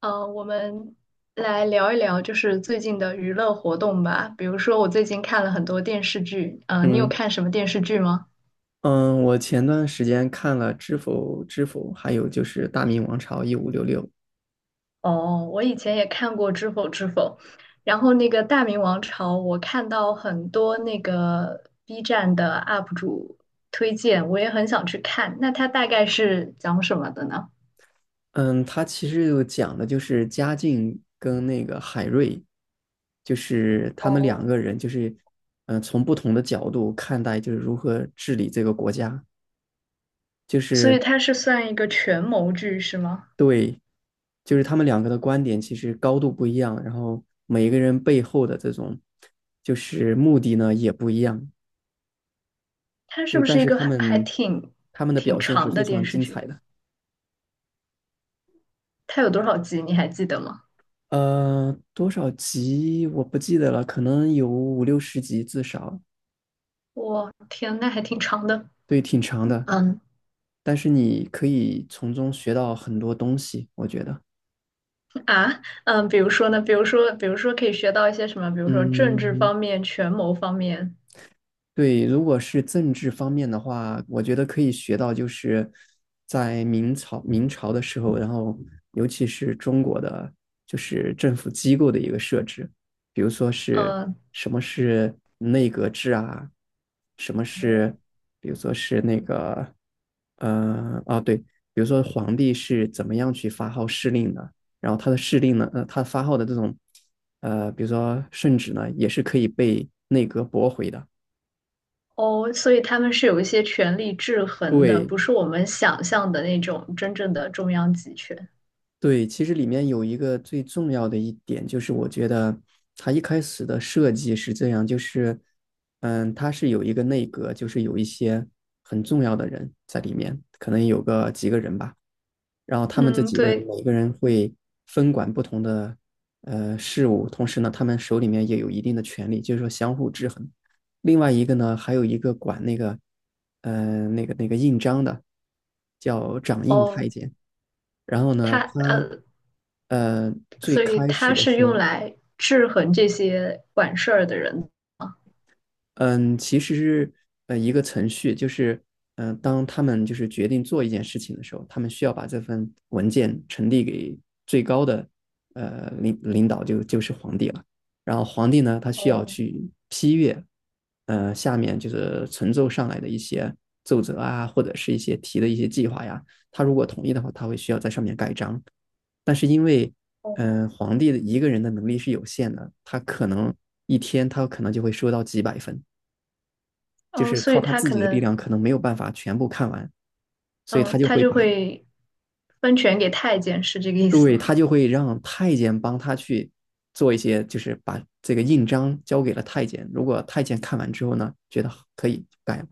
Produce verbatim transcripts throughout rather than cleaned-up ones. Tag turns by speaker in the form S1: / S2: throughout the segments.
S1: 呃，我们来聊一聊，就是最近的娱乐活动吧。比如说，我最近看了很多电视剧，呃，你有
S2: 嗯
S1: 看什么电视剧吗？
S2: 嗯，我前段时间看了《知否知否》，还有就是《大明王朝一五六六》。
S1: 哦，我以前也看过《知否知否》，然后那个《大明王朝》，我看到很多那个 B 站的 U P 主推荐，我也很想去看。那它大概是讲什么的呢？
S2: 嗯，它其实就讲的就是嘉靖跟那个海瑞，就是他们两
S1: 哦，
S2: 个人，就是嗯、呃从不同的角度看待，就是如何治理这个国家，就
S1: 所以
S2: 是
S1: 它是算一个权谋剧是吗？
S2: 对，就是他们两个的观点其实高度不一样，然后每一个人背后的这种就是目的呢也不一样，
S1: 它是
S2: 就
S1: 不
S2: 但
S1: 是一
S2: 是
S1: 个
S2: 他
S1: 还还
S2: 们
S1: 挺
S2: 他们的
S1: 挺
S2: 表现是
S1: 长
S2: 非
S1: 的电
S2: 常
S1: 视
S2: 精
S1: 剧？
S2: 彩的。
S1: 它有多少集？你还记得吗？
S2: 呃，多少集我不记得了，可能有五六十集至少，
S1: 我天，那还挺长的。
S2: 对，挺长的。
S1: 嗯
S2: 但是你可以从中学到很多东西，我觉得。
S1: 啊，嗯，比如说呢，比如说，比如说可以学到一些什么，比如说政治
S2: 嗯，
S1: 方面、权谋方面，
S2: 对，如果是政治方面的话，我觉得可以学到，就是在明朝明朝的时候，然后尤其是中国的就是政府机构的一个设置，比如说是
S1: 嗯，
S2: 什么是内阁制啊，什么是比如说是那个呃啊对，比如说皇帝是怎么样去发号施令的，然后他的施令呢，呃他发号的这种呃比如说圣旨呢，也是可以被内阁驳回的。
S1: 哦，所以他们是有一些权力制衡的，
S2: 对
S1: 不是我们想象的那种真正的中央集权。
S2: 对，其实里面有一个最重要的一点，就是我觉得它一开始的设计是这样，就是嗯，它是有一个内阁，就是有一些很重要的人在里面，可能有个几个人吧，然后他们这
S1: 嗯，
S2: 几个人
S1: 对，
S2: 每个人会分管不同的呃事务，同时呢，他们手里面也有一定的权利，就是说相互制衡。另外一个呢，还有一个管那个呃那个那个印章的，叫掌印
S1: 哦，
S2: 太监。然后
S1: 他
S2: 呢，他
S1: 呃，
S2: 呃最
S1: 所以
S2: 开始
S1: 他
S2: 的
S1: 是
S2: 时
S1: 用
S2: 候，
S1: 来制衡这些管事儿的人。
S2: 嗯，其实是呃一个程序，就是嗯、呃当他们就是决定做一件事情的时候，他们需要把这份文件呈递给最高的呃领领导就，就是皇帝了。然后皇帝呢，他需要
S1: 哦
S2: 去批阅，呃，下面就是呈奏上来的一些奏折啊，或者是一些提的一些计划呀。他如果同意的话，他会需要在上面盖章。但是因为，
S1: 哦
S2: 嗯、呃皇帝的一个人的能力是有限的，他可能一天他可能就会收到几百份，就
S1: 哦，
S2: 是
S1: 所
S2: 靠
S1: 以
S2: 他
S1: 他
S2: 自
S1: 可
S2: 己的力
S1: 能，
S2: 量可能没有办法全部看完，所以他
S1: 嗯，
S2: 就
S1: 他
S2: 会
S1: 就
S2: 把，
S1: 会分权给太监，是这个意思
S2: 对，
S1: 吗？
S2: 他就会让太监帮他去做一些，就是把这个印章交给了太监。如果太监看完之后呢，觉得可以改，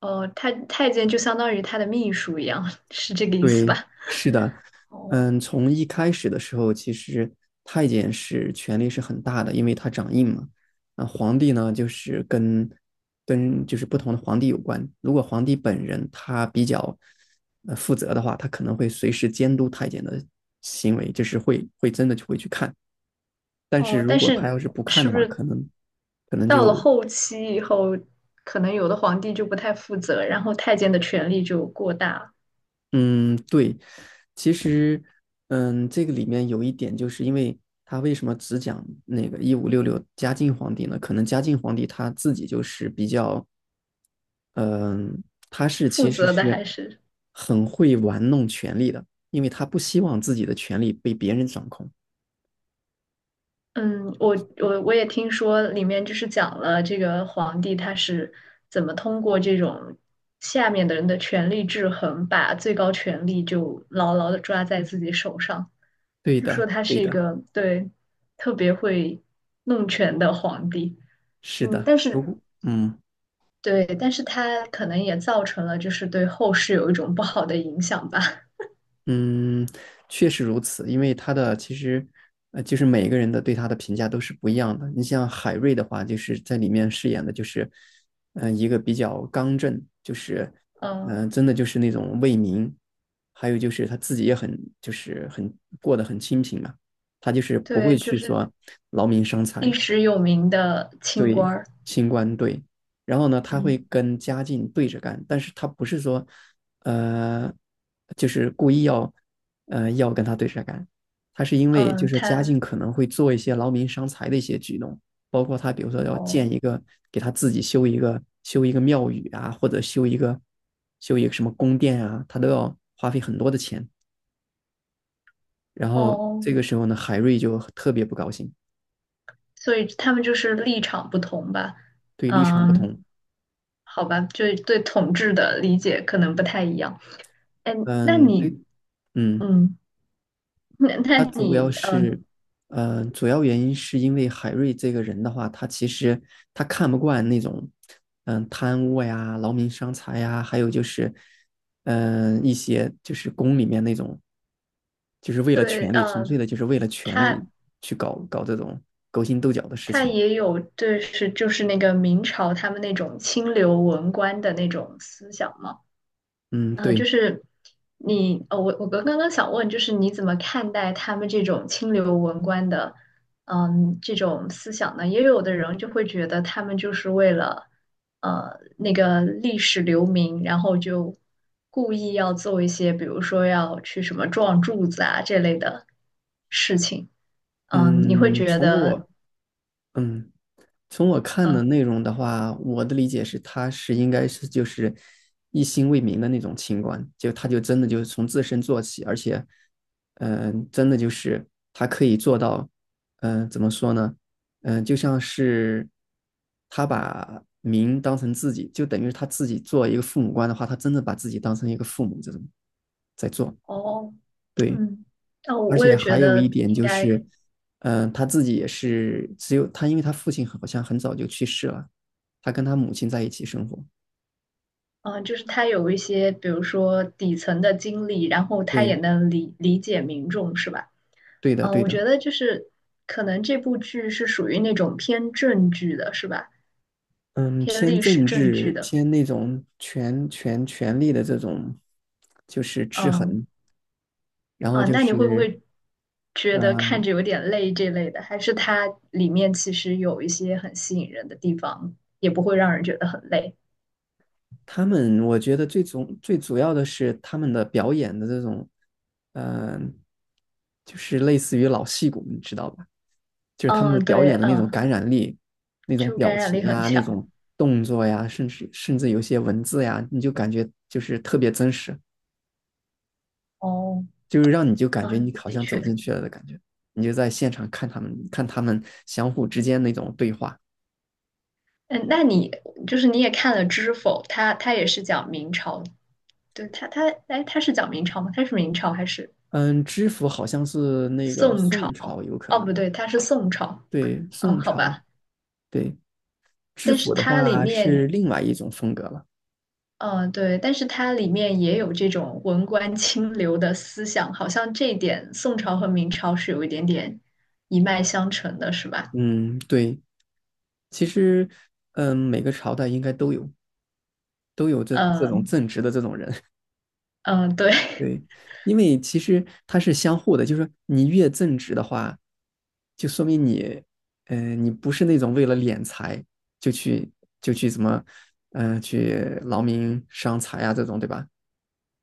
S1: 哦，太太监就相当于他的秘书一样，是这个意思
S2: 对，
S1: 吧？
S2: 是的。
S1: 哦
S2: 嗯，从一开始的时候，其实太监是权力是很大的，因为他掌印嘛。那皇帝呢，就是跟跟就是不同的皇帝有关。如果皇帝本人他比较呃负责的话，他可能会随时监督太监的行为，就是会会真的就会去看。但是
S1: 哦，
S2: 如
S1: 但
S2: 果他
S1: 是
S2: 要是不看
S1: 是
S2: 的
S1: 不
S2: 话，
S1: 是
S2: 可能可能
S1: 到了
S2: 就
S1: 后期以后，可能有的皇帝就不太负责，然后太监的权力就过大了
S2: 嗯，对，其实，嗯，这个里面有一点，就是因为他为什么只讲那个一五六六嘉靖皇帝呢？可能嘉靖皇帝他自己就是比较，嗯，他是
S1: 负
S2: 其实
S1: 责的
S2: 是
S1: 还是。
S2: 很会玩弄权力的，因为他不希望自己的权力被别人掌控。
S1: 嗯，我我我也听说里面就是讲了这个皇帝他是怎么通过这种下面的人的权力制衡，把最高权力就牢牢的抓在自己手上，
S2: 对
S1: 就说
S2: 的，
S1: 他
S2: 对
S1: 是一
S2: 的，
S1: 个对特别会弄权的皇帝。
S2: 是
S1: 嗯，
S2: 的。
S1: 但
S2: 如
S1: 是
S2: 果，嗯。
S1: 对，但是他可能也造成了就是对后世有一种不好的影响吧。
S2: 嗯，确实如此，因为他的其实，呃，就是每个人的对他的评价都是不一样的。你像海瑞的话，就是在里面饰演的就是，嗯、一个比较刚正，就是，
S1: 嗯，
S2: 嗯、真的就是那种为民，还有就是他自己也很就是很过得很清贫嘛，他就是不会
S1: 对，就
S2: 去
S1: 是
S2: 说劳民伤
S1: 历
S2: 财，
S1: 史有名的清官
S2: 对，
S1: 儿。
S2: 清官对，然后呢，他会
S1: 嗯
S2: 跟嘉靖对着干，但是他不是说，呃，就是故意要，呃，要跟他对着干，他是因为就
S1: 嗯，
S2: 是嘉
S1: 他
S2: 靖可能会做一些劳民伤财的一些举动，包括他比如说要建
S1: 哦。
S2: 一个，给他自己修一个修一个庙宇啊，或者修一个修一个什么宫殿啊，他都要花费很多的钱，然后
S1: 哦，
S2: 这个时候呢，海瑞就特别不高兴，
S1: 所以他们就是立场不同吧？
S2: 对，立场不
S1: 嗯，
S2: 同，
S1: 好吧，就对统治的理解可能不太一样。哎，那
S2: 嗯，
S1: 你，
S2: 对，嗯。
S1: 嗯，那那
S2: 他主要
S1: 你，
S2: 是，
S1: 嗯，
S2: 呃，主要原因是因为海瑞这个人的话，他其实他看不惯那种，嗯、贪污呀、劳民伤财呀，还有就是，嗯、一些就是宫里面那种，就是为了
S1: 对，
S2: 权力，纯
S1: 嗯，
S2: 粹的就是为了权
S1: 他
S2: 力去搞搞这种勾心斗角的事
S1: 他
S2: 情。
S1: 也有对是就是那个明朝他们那种清流文官的那种思想吗？
S2: 嗯，
S1: 呃，就
S2: 对，
S1: 是你，呃，我我刚刚刚想问，就是你怎么看待他们这种清流文官的，嗯，这种思想呢？也有的人就会觉得他们就是为了，呃，那个历史留名，然后就故意要做一些，比如说要去什么撞柱子啊这类的事情。嗯，你会
S2: 嗯，
S1: 觉
S2: 从
S1: 得，
S2: 我，嗯。从我看的
S1: 呃，
S2: 内容的话，我的理解是，他是应该是就是一心为民的那种清官，就他就真的就是从自身做起，而且，嗯、真的就是他可以做到，嗯、怎么说呢？嗯、就像是他把民当成自己，就等于他自己做一个父母官的话，他真的把自己当成一个父母这种在做，
S1: 哦，
S2: 对。
S1: 嗯，那我
S2: 而
S1: 我
S2: 且
S1: 也
S2: 还
S1: 觉
S2: 有一
S1: 得
S2: 点
S1: 应
S2: 就
S1: 该
S2: 是，嗯、他自己也是只有他，因为他父亲好像很早就去世了，他跟他母亲在一起生活。
S1: 嗯、呃就是他有一些，比如说底层的经历，然后他也
S2: 对，
S1: 能理理解民众，是吧？
S2: 对的，
S1: 嗯、
S2: 对
S1: 我
S2: 的。
S1: 觉得就是可能这部剧是属于那种偏正剧的，是吧？
S2: 嗯，
S1: 偏
S2: 偏
S1: 历史
S2: 政
S1: 正剧
S2: 治，
S1: 的。
S2: 偏那种权权权力的这种，就是制
S1: 嗯
S2: 衡。然后
S1: 啊、
S2: 就
S1: 那你会不
S2: 是，
S1: 会觉得看
S2: 嗯、
S1: 着有点累这类的？还是它里面其实有一些很吸引人的地方，也不会让人觉得很累？
S2: 他们我觉得最主最主要的是他们的表演的这种，嗯、就是类似于老戏骨，你知道吧？就是他们
S1: 嗯，
S2: 的表
S1: 对，
S2: 演的那种
S1: 嗯，
S2: 感染力，那种
S1: 就感
S2: 表
S1: 染
S2: 情
S1: 力很
S2: 呀，那
S1: 强。
S2: 种动作呀，甚至甚至有些文字呀，你就感觉就是特别真实，
S1: 哦，
S2: 就是让你就感觉你
S1: 嗯，
S2: 好
S1: 的
S2: 像走
S1: 确。
S2: 进去了的感觉，你就在现场看他们看他们相互之间那种对话。
S1: 嗯，那你就是你也看了《知否》，它它也是讲明朝，对它它哎，它是讲明朝吗？它是明朝还是
S2: 嗯，知府好像是那个
S1: 宋朝？
S2: 宋朝，有可
S1: 哦，不
S2: 能，
S1: 对，它是宋朝。
S2: 对，
S1: 嗯，
S2: 宋
S1: 好
S2: 朝，
S1: 吧，
S2: 对，知
S1: 但是
S2: 府的
S1: 它里
S2: 话
S1: 面，
S2: 是另外一种风格了。
S1: 嗯，对，但是它里面也有这种文官清流的思想，好像这一点宋朝和明朝是有一点点一脉相承的，是吧？
S2: 嗯，对，其实，嗯，每个朝代应该都有都有这这种
S1: 嗯
S2: 正直的这种人。
S1: 嗯，对，
S2: 对，因为其实它是相互的，就是说你越正直的话，就说明你，嗯呃，你不是那种为了敛财就去就去怎么，嗯呃，去劳民伤财啊这种，对吧？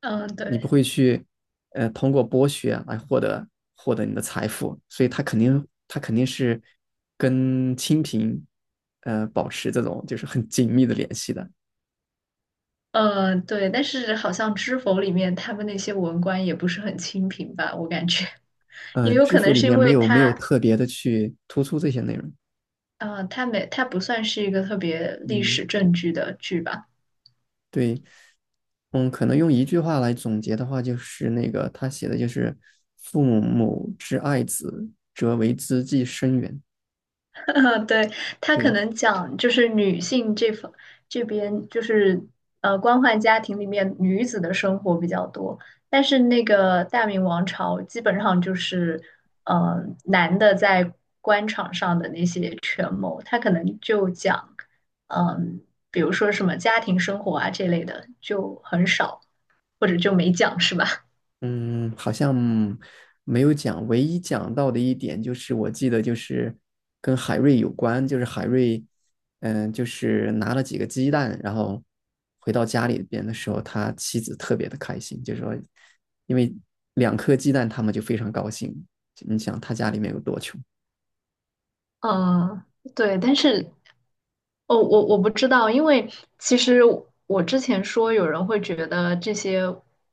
S1: 嗯
S2: 你不
S1: 对。
S2: 会去，呃，通过剥削来获得获得你的财富，所以他肯定他肯定是跟清贫，呃，保持这种就是很紧密的联系的。
S1: 呃，对，但是好像知否里面他们那些文官也不是很清贫吧，我感觉
S2: 嗯、呃
S1: 也有
S2: 知
S1: 可
S2: 府
S1: 能
S2: 里
S1: 是因
S2: 面没
S1: 为
S2: 有没有
S1: 他，
S2: 特别的去突出这些内容，
S1: 呃，他没，他不算是一个特别历
S2: 嗯。
S1: 史正剧的剧吧。
S2: 对，嗯，可能用一句话来总结的话，就是那个他写的就是“父母之爱子，则为之计深远”。
S1: 嗯，对，他可
S2: 对，
S1: 能讲就是女性这方这边就是呃官宦家庭里面女子的生活比较多，但是那个大明王朝基本上就是呃男的在官场上的那些权谋，他可能就讲嗯、比如说什么家庭生活啊这类的就很少，或者就没讲是吧？
S2: 嗯，好像没有讲，唯一讲到的一点就是我记得就是跟海瑞有关，就是海瑞，嗯，就是拿了几个鸡蛋，然后回到家里边的时候，他妻子特别的开心，就说因为两颗鸡蛋，他们就非常高兴。你想他家里面有多穷？
S1: 嗯，对，但是哦，我我不知道，因为其实我之前说有人会觉得这些，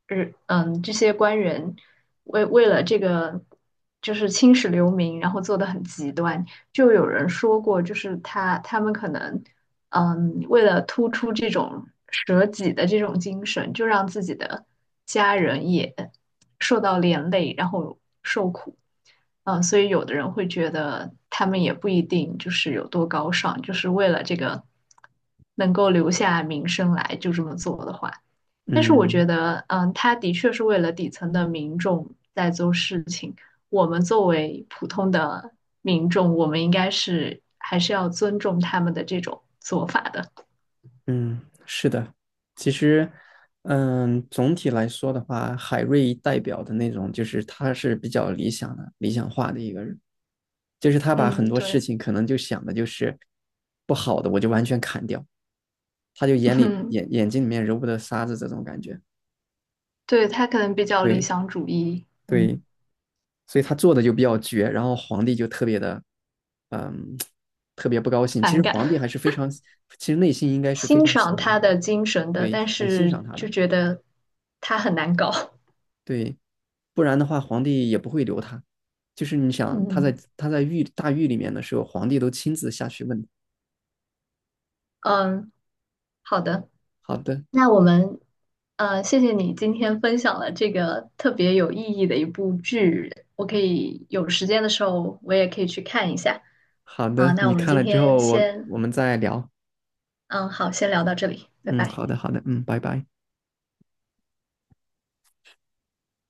S1: 日嗯，这些官员为为了这个就是青史留名，然后做的很极端，就有人说过，就是他他们可能嗯，为了突出这种舍己的这种精神，就让自己的家人也受到连累，然后。受。嗯，所以有的人会觉得他们也不一定就是有多高尚，就是为了这个能够留下名声来就这么做的话，但是我
S2: 嗯。
S1: 觉得，嗯，他的确是为了底层的民众在做事情。我们作为普通的民众，我们应该是还是要尊重他们的这种做法的。
S2: 嗯，是的，其实，嗯，总体来说的话，海瑞代表的那种，就是他是比较理想的、理想化的一个人，就是他把
S1: 嗯，
S2: 很多事
S1: 对，
S2: 情可能就想的就是不好的，我就完全砍掉，他就 眼里
S1: 嗯，
S2: 眼眼睛里面揉不得沙子这种感觉，
S1: 对，他可能比较理
S2: 对
S1: 想主义，嗯，
S2: 对，所以他做的就比较绝，然后皇帝就特别的，嗯，特别不高兴。其
S1: 反
S2: 实皇帝还
S1: 感。
S2: 是非常，其实内心应该是非
S1: 欣
S2: 常喜
S1: 赏
S2: 欢他
S1: 他
S2: 的，
S1: 的精神的，
S2: 对，
S1: 但
S2: 很欣
S1: 是
S2: 赏他
S1: 就
S2: 的。
S1: 觉得他很难搞。
S2: 对，不然的话，皇帝也不会留他。就是你 想，他在
S1: 嗯
S2: 他在狱大狱里面的时候，皇帝都亲自下去问的。
S1: 嗯，好的，
S2: 好的，
S1: 那我们呃，谢谢你今天分享了这个特别有意义的一部剧，我可以有时间的时候我也可以去看一下。
S2: 好
S1: 啊，
S2: 的，
S1: 那
S2: 你
S1: 我们
S2: 看
S1: 今
S2: 了之
S1: 天
S2: 后，我
S1: 先，
S2: 我们再聊。
S1: 嗯，好，先聊到这里，拜
S2: 嗯，
S1: 拜。
S2: 好的，好的，嗯，拜拜。